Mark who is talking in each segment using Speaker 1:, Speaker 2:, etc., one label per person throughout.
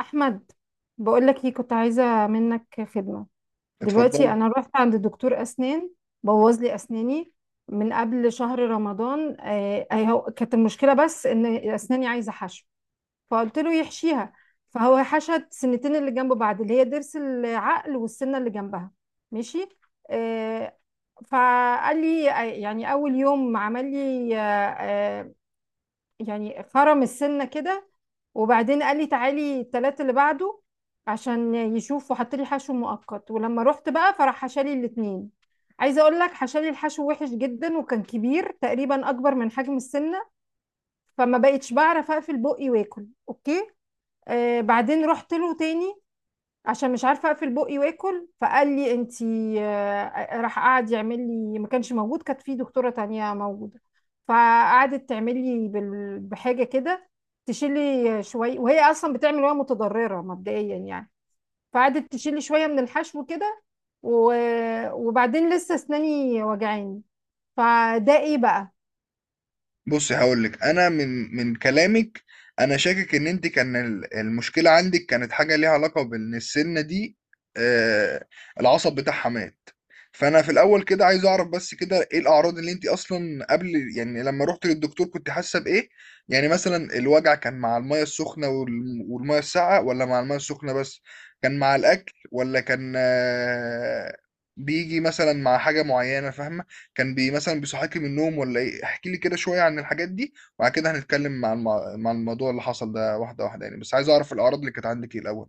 Speaker 1: احمد، بقول لك ايه، كنت عايزه منك خدمه. دلوقتي
Speaker 2: اتفضلي.
Speaker 1: انا رحت عند دكتور اسنان بوظ لي اسناني من قبل شهر رمضان. هو كانت المشكله بس ان اسناني عايزه حشو، فقلت له يحشيها، فهو حشت سنتين اللي جنب بعض اللي هي ضرس العقل والسنه اللي جنبها. ماشي. آه. فقال لي، يعني اول يوم عمل لي، آه، يعني خرم السنة كده، وبعدين قال لي تعالي التلات اللي بعده عشان يشوف، وحط لي حشو مؤقت. ولما رحت بقى فراح حشالي الاتنين. عايزة اقول لك، حشالي الحشو وحش جدا وكان كبير تقريبا اكبر من حجم السنة، فما بقتش بعرف اقفل بقي واكل. اوكي. آه، بعدين رحت له تاني عشان مش عارفه اقفل بقي واكل، فقال لي انتي راح قعد يعمل لي، ما كانش موجود، كانت في دكتوره تانية موجوده، فقعدت تعمل لي بحاجه كده، تشيلي شويه، وهي اصلا بتعمل وهي متضرره مبدئيا يعني. فقعدت تشيلي شويه من الحشو كده، وبعدين لسه اسناني وجعاني. فده ايه بقى؟
Speaker 2: بصي، هقول لك، انا من كلامك. انا شاكك ان انت كان المشكله عندك كانت حاجه ليها علاقه بان السنه دي آه العصب بتاعها مات. فانا في الاول كده عايز اعرف بس كده ايه الاعراض اللي انت اصلا قبل، يعني لما رحت للدكتور كنت حاسه بايه؟ يعني مثلا الوجع كان مع الميه السخنه والميه الساقعه، ولا مع الميه السخنه بس؟ كان مع الاكل، ولا كان بيجي مثلا مع حاجه معينه؟ فاهمه؟ كان مثلًا بيصحّيكِ من النوم والّا إيه؟ احكي لي كده شوية عن الحاجات دي، وبعد كده هنتكلّم عن عن الموضوع اللي حصل ده واحدة واحدة يعني، بس عايز أعرف الأعراض اللي كانت عندِك إيه الأول.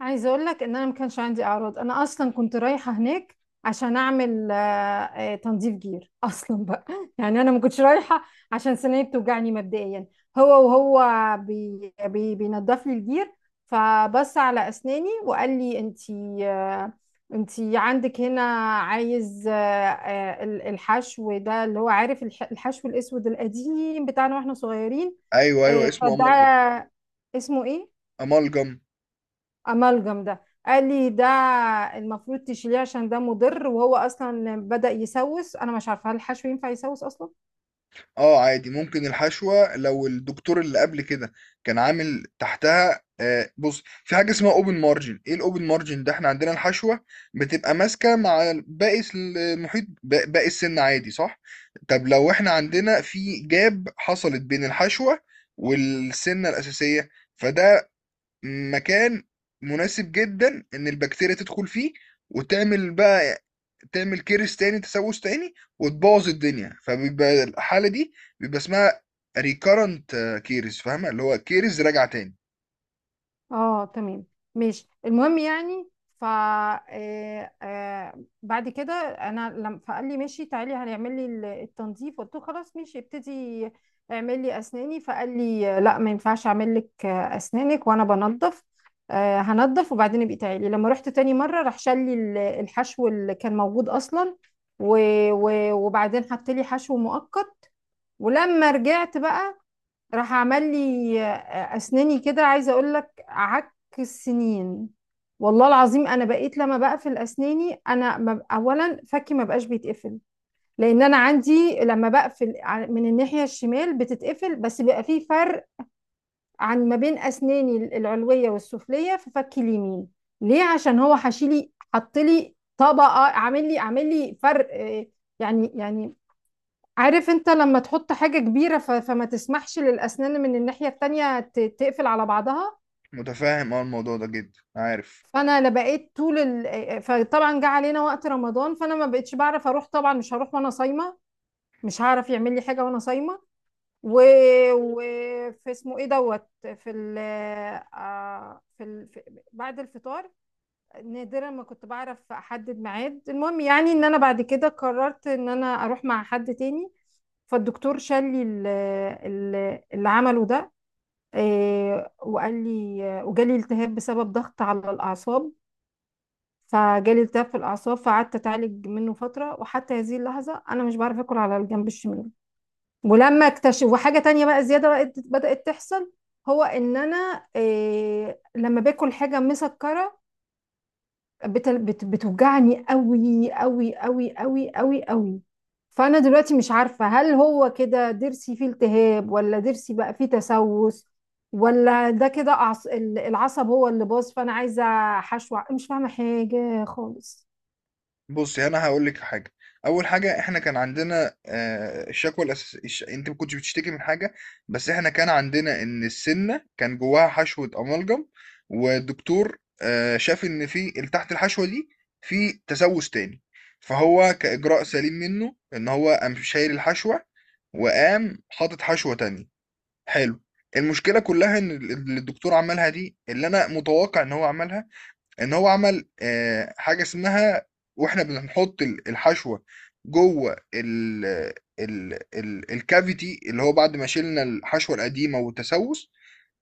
Speaker 1: عايزه اقول لك ان انا ما كانش عندي اعراض، انا اصلا كنت رايحه هناك عشان اعمل تنظيف جير اصلا بقى. يعني انا ما كنتش رايحه عشان سناني بتوجعني مبدئيا. هو وهو بي بي بينضف لي الجير، فبص على اسناني وقال لي انتي انتي عندك هنا عايز الحشو ده، اللي هو عارف الحشو الاسود القديم بتاعنا واحنا صغيرين.
Speaker 2: أيوه، أيوه، اسمه amalgam.
Speaker 1: فده اسمه ايه؟
Speaker 2: amalgam.
Speaker 1: امالجم. ده قال لي ده المفروض تشيليه عشان ده مضر، وهو اصلا بدأ يسوس. انا مش عارفه هل الحشو ينفع يسوس اصلا؟
Speaker 2: آه، عادي، ممكن الحشوة لو الدكتور اللي قبل كده كان عامل تحتها، بُص، في حاجة اسمها open margin. إيه الopen margin ده؟ إحنا عندنا الحشوة بتبقى ماسكة مع باقي المحيط باقي السن عادي، صح؟ طب لو إحنا عندنا في gap حصلت بين الحشوة والسنة الأساسية، فده مكان مناسب جدا ان البكتيريا تدخل فيه وتعمل بقى تعمل كيرس تاني، تسوس تاني، وتبوظ الدنيا، فبيبقى الحالة دي بيبقى اسمها ريكارنت كيرس. فاهمة؟ اللي هو كيرس راجع تاني.
Speaker 1: اه تمام. ماشي، المهم يعني، ف آه، آه، بعد كده انا لما فقال لي ماشي تعالي هنعمل لي التنظيف، قلت له خلاص ماشي ابتدي اعمل لي اسناني. فقال لي لا، ما ينفعش اعمل لك اسنانك وانا بنظف. هنضف وبعدين ابقي تعالي. لما رحت تاني مره راح شال لي الحشو اللي كان موجود اصلا، وبعدين حط لي حشو مؤقت. ولما رجعت بقى راح عمل لي، اسناني كده، عايزه اقول لك، عك السنين، والله العظيم انا بقيت لما بقفل اسناني انا ما ب- اولا فكي ما بقاش بيتقفل، لان انا عندي لما بقفل من الناحيه الشمال بتتقفل، بس بيبقى في فرق عن ما بين اسناني العلويه والسفليه في فكي اليمين. ليه؟ عشان هو حشيلي حط لي طبقه، عامل لي فرق، يعني عارف انت لما تحط حاجة كبيرة فما تسمحش للأسنان من الناحية التانية تقفل على بعضها.
Speaker 2: متفاهم اه، الموضوع ده جدا عارف.
Speaker 1: فأنا لا بقيت طول فطبعا جه علينا وقت رمضان، فأنا ما بقتش بعرف أروح، طبعا مش هروح وأنا صايمة، مش هعرف يعمل لي حاجة وأنا صايمة، و... و... في اسمه ايه دوت في ال... آه، في ال... في... بعد الفطار نادرا ما كنت بعرف أحدد ميعاد. المهم يعني إن أنا بعد كده قررت إن أنا أروح مع حد تاني، فالدكتور شال لي اللي عمله ده، وقال لي، وجالي التهاب بسبب ضغط على الأعصاب، فجالي التهاب في الأعصاب، فقعدت أتعالج منه فترة، وحتى هذه اللحظة أنا مش بعرف آكل على الجنب الشمال. ولما اكتشف، وحاجة تانية بقى زيادة بقت بدأت تحصل، هو إن أنا لما باكل حاجة مسكرة بتوجعني قوي قوي قوي قوي قوي قوي. فانا دلوقتي مش عارفه هل هو كده ضرسي فيه التهاب، ولا ضرسي بقى فيه تسوس، ولا ده كده العصب هو اللي باظ. فانا عايزه حشو مش فاهمه حاجه خالص.
Speaker 2: بصي، انا هقول لك حاجه. اول حاجه، احنا كان عندنا الشكوى الاساسيه، انت ما كنتش بتشتكي من حاجه، بس احنا كان عندنا ان السنه كان جواها حشوه املجم، والدكتور شاف ان في اللي تحت الحشوه دي في تسوس تاني، فهو كاجراء سليم منه ان هو قام شايل الحشوه، وقام حاطط حشوه تانية. حلو. المشكله كلها ان اللي الدكتور عملها دي، اللي انا متوقع ان هو عملها، ان هو عمل حاجه اسمها، واحنا بنحط الحشوه جوه ال ال ال الكافيتي، اللي هو بعد ما شلنا الحشوه القديمه والتسوس،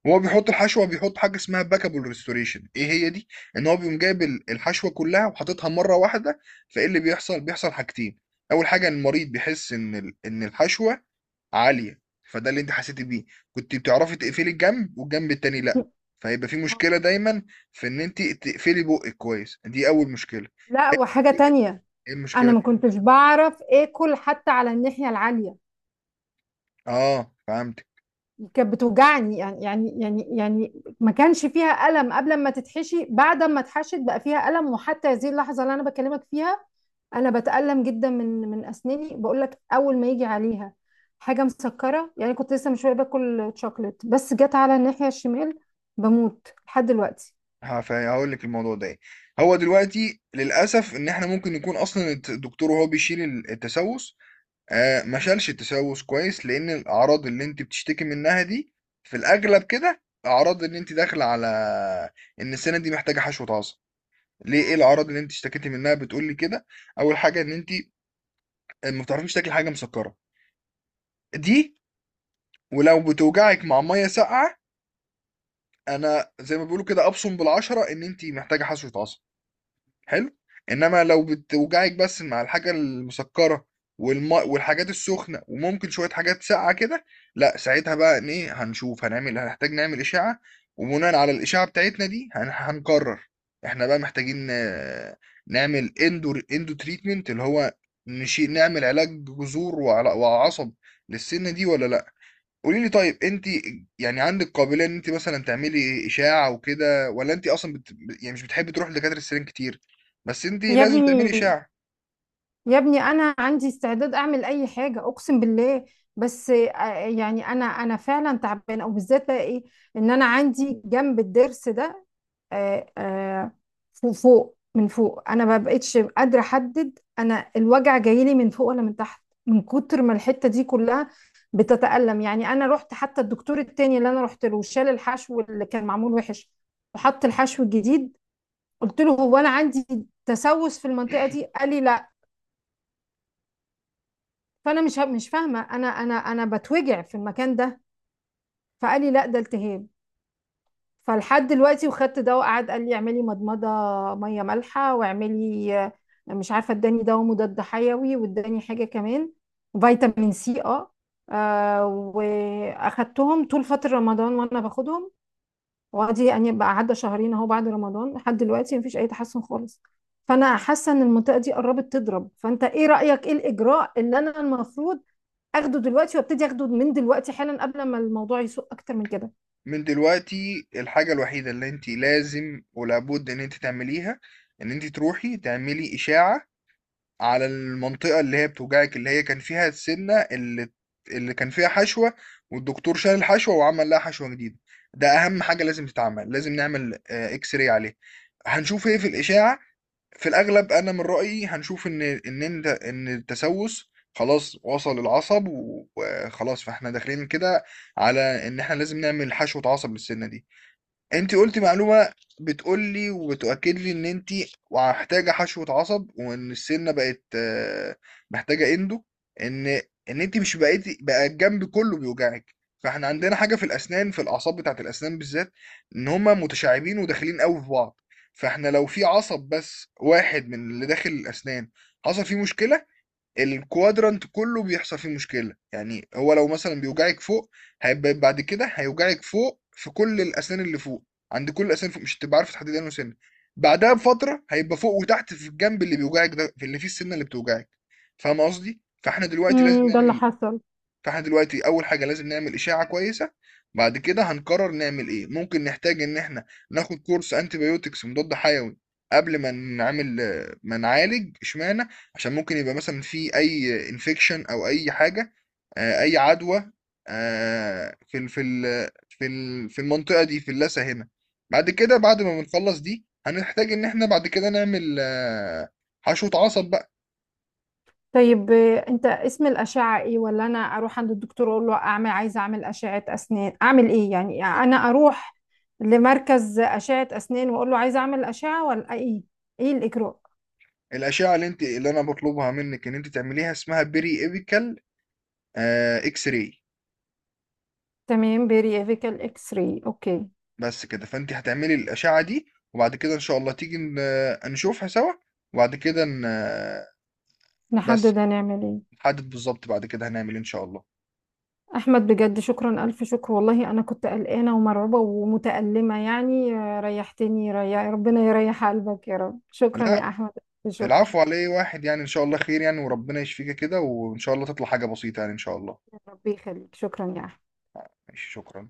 Speaker 2: هو بيحط حاجه اسمها باكابل ريستوريشن. ايه هي دي؟ ان هو بيقوم جايب الحشوه كلها وحاططها مره واحده. فايه اللي بيحصل حاجتين. اول حاجه إن المريض بيحس ان ان الحشوه عاليه. فده اللي انت حسيتي بيه، كنت بتعرفي تقفلي الجنب والجنب التاني لا، فهيبقى في مشكله دايما في ان انت تقفلي بقك كويس. دي اول مشكله.
Speaker 1: لا، وحاجه تانية،
Speaker 2: ايه
Speaker 1: انا
Speaker 2: المشكله؟
Speaker 1: ما كنتش بعرف اكل حتى على الناحيه العاليه،
Speaker 2: اه، فهمت.
Speaker 1: كانت بتوجعني. يعني ما كانش فيها ألم قبل ما تتحشي، بعد ما اتحشت بقى فيها ألم، وحتى هذه اللحظة اللي أنا بكلمك فيها أنا بتألم جدا من أسناني. بقول لك، أول ما يجي عليها حاجة مسكرة، يعني كنت لسه من شوية باكل شوكليت بس جت على الناحية الشمال، بموت لحد دلوقتي.
Speaker 2: هقول لك الموضوع ده ايه. هو دلوقتي للاسف ان احنا ممكن يكون اصلا الدكتور وهو بيشيل التسوس ما شالش التسوس كويس، لان الاعراض اللي انت بتشتكي منها دي في الاغلب كده اعراض ان انت داخله على ان السنه دي محتاجه حشو عصب. ليه؟ ايه الاعراض اللي انت اشتكيتي منها بتقول لي كده؟ اول حاجه ان انت ما بتعرفيش تاكلي حاجه مسكره، دي ولو بتوجعك مع ميه ساقعه، انا زي ما بيقولوا كده ابصم بالعشره ان انت محتاجه حشوه عصب. حلو. انما لو بتوجعك بس مع الحاجه المسكره والماء والحاجات السخنه وممكن شويه حاجات ساقعه كده، لا ساعتها بقى إن ايه؟ هنشوف، هنعمل، هنحتاج نعمل اشاعه، وبناء على الاشاعه بتاعتنا دي هنقرر احنا بقى محتاجين نعمل اندو تريتمنت اللي هو نعمل علاج جذور وعصب للسنه دي ولا لا. قولي لي، طيب انت يعني عندك قابليه ان انت مثلا تعملي اشاعه وكده، ولا انت اصلا يعني مش بتحبي تروحي لدكاتره السنان كتير؟ بس انت
Speaker 1: يا
Speaker 2: لازم تعملي
Speaker 1: ابني،
Speaker 2: اشاعه.
Speaker 1: يا ابني، أنا عندي استعداد أعمل أي حاجة أقسم بالله، بس يعني أنا فعلا تعبانة، وبالذات بقى إيه، إن أنا عندي جنب الضرس ده، آه، آه، فوق، فوق، من فوق، انا ما بقتش قادره احدد انا الوجع جاي لي من فوق ولا من تحت، من كتر ما الحته دي كلها بتتألم. يعني انا رحت حتى الدكتور التاني، اللي انا رحت له شال الحشو اللي كان معمول وحش وحط الحشو الجديد، قلت له هو انا عندي تسوس في المنطقه دي؟ قال لي لا. فانا مش فاهمه، انا انا بتوجع في المكان ده. فقال لي لا، ده التهاب. فلحد دلوقتي وخدت ده، وقعد قال لي اعملي مضمضه ميه مالحه، واعملي مش عارفه، اداني دواء مضاد حيوي، واداني حاجه كمان فيتامين C. اه. واخدتهم طول فتره رمضان وانا باخدهم، وادي يعني بقى عدى شهرين اهو بعد رمضان، لحد دلوقتي مفيش اي تحسن خالص. فانا حاسه ان المنطقه دي قربت تضرب، فانت ايه رايك؟ ايه الاجراء اللي انا المفروض اخده دلوقتي؟ وابتدي اخده من دلوقتي حالا قبل ما الموضوع يسوء اكتر من كده.
Speaker 2: من دلوقتي الحاجه الوحيده اللي انت لازم ولابد ان انت تعمليها ان انت تروحي تعملي اشاعه على المنطقه اللي هي بتوجعك، اللي هي كان فيها السنه اللي كان فيها حشوه والدكتور شال الحشوه وعمل لها حشوه جديده. ده اهم حاجه لازم تتعمل، لازم نعمل اكس راي عليه. هنشوف ايه في الاشاعه. في الاغلب انا من رايي هنشوف ان التسوس خلاص وصل العصب وخلاص، فاحنا داخلين كده على ان احنا لازم نعمل حشوة عصب للسنة دي. انت قلتي معلومة بتقول لي وبتؤكد لي ان انت محتاجة حشوة عصب، وان السنة بقت محتاجة اندو، ان ان انت مش بقيتي بقى الجنب كله بيوجعك. فاحنا عندنا حاجة في الاسنان، في الاعصاب بتاعت الاسنان بالذات، ان هما متشعبين وداخلين قوي في بعض. فاحنا لو في عصب بس واحد من اللي داخل الاسنان حصل فيه مشكلة، الكوادرانت كله بيحصل فيه مشكلة. يعني هو لو مثلا بيوجعك فوق، هيبقى بعد كده هيوجعك فوق في كل الأسنان اللي فوق، عند كل الأسنان فوق مش هتبقى عارف تحدد أنه سن. بعدها بفترة هيبقى فوق وتحت في الجنب اللي بيوجعك ده، في اللي فيه السنة اللي بتوجعك. فاهم قصدي؟
Speaker 1: امم، ده اللي حصل.
Speaker 2: فاحنا دلوقتي اول حاجه لازم نعمل اشاعه كويسه، بعد كده هنقرر نعمل ايه. ممكن نحتاج ان احنا ناخد كورس انتيبيوتكس مضاد حيوي قبل ما نعالج، اشمعنى؟ عشان ممكن يبقى مثلا في اي انفكشن او اي حاجه، اي عدوى في في المنطقه دي في اللثه هنا. بعد ما بنخلص دي هنحتاج ان احنا بعد كده نعمل حشوه عصب.
Speaker 1: طيب، انت اسم الأشعة ايه؟ ولا انا اروح عند الدكتور اقول له اعمل، عايزة اعمل أشعة اسنان، اعمل ايه؟ يعني
Speaker 2: بقى
Speaker 1: انا اروح لمركز أشعة اسنان واقول له عايزة اعمل أشعة، ولا ايه ايه الإجراء؟
Speaker 2: الأشعة اللي أنا باطلبها منِّك إن أنتِ تعمليها اسمها periapical X-ray.
Speaker 1: تمام، بيريافيكال X-ray، اوكي.
Speaker 2: بس كده، فأنتِ هتعملي الأشعة دي، وبعد كده إن شاء الله تيجي ن آه، نشوفها سوا، وبعد كده ن آه، بس
Speaker 1: نحدد هنعمل ايه.
Speaker 2: نحدد بالضبط بعد كده هنعمل إيه إن شاء الله.
Speaker 1: احمد، بجد شكرا، الف شكر والله، انا كنت قلقانة ومرعوبة ومتألمة، يعني ريحتني ريح، ربنا يريح قلبك يا رب. شكرا
Speaker 2: لأ،
Speaker 1: يا احمد. شكرا.
Speaker 2: العفو على إيه، واحد يعني إن شاء الله خير يعني وربنا يشفيكِ كده وإن شاء الله تطلع حاجة بسيطة يعني إن شاء الله.
Speaker 1: ربي يخليك، شكرا يا احمد.
Speaker 2: ماشي، شكرًا.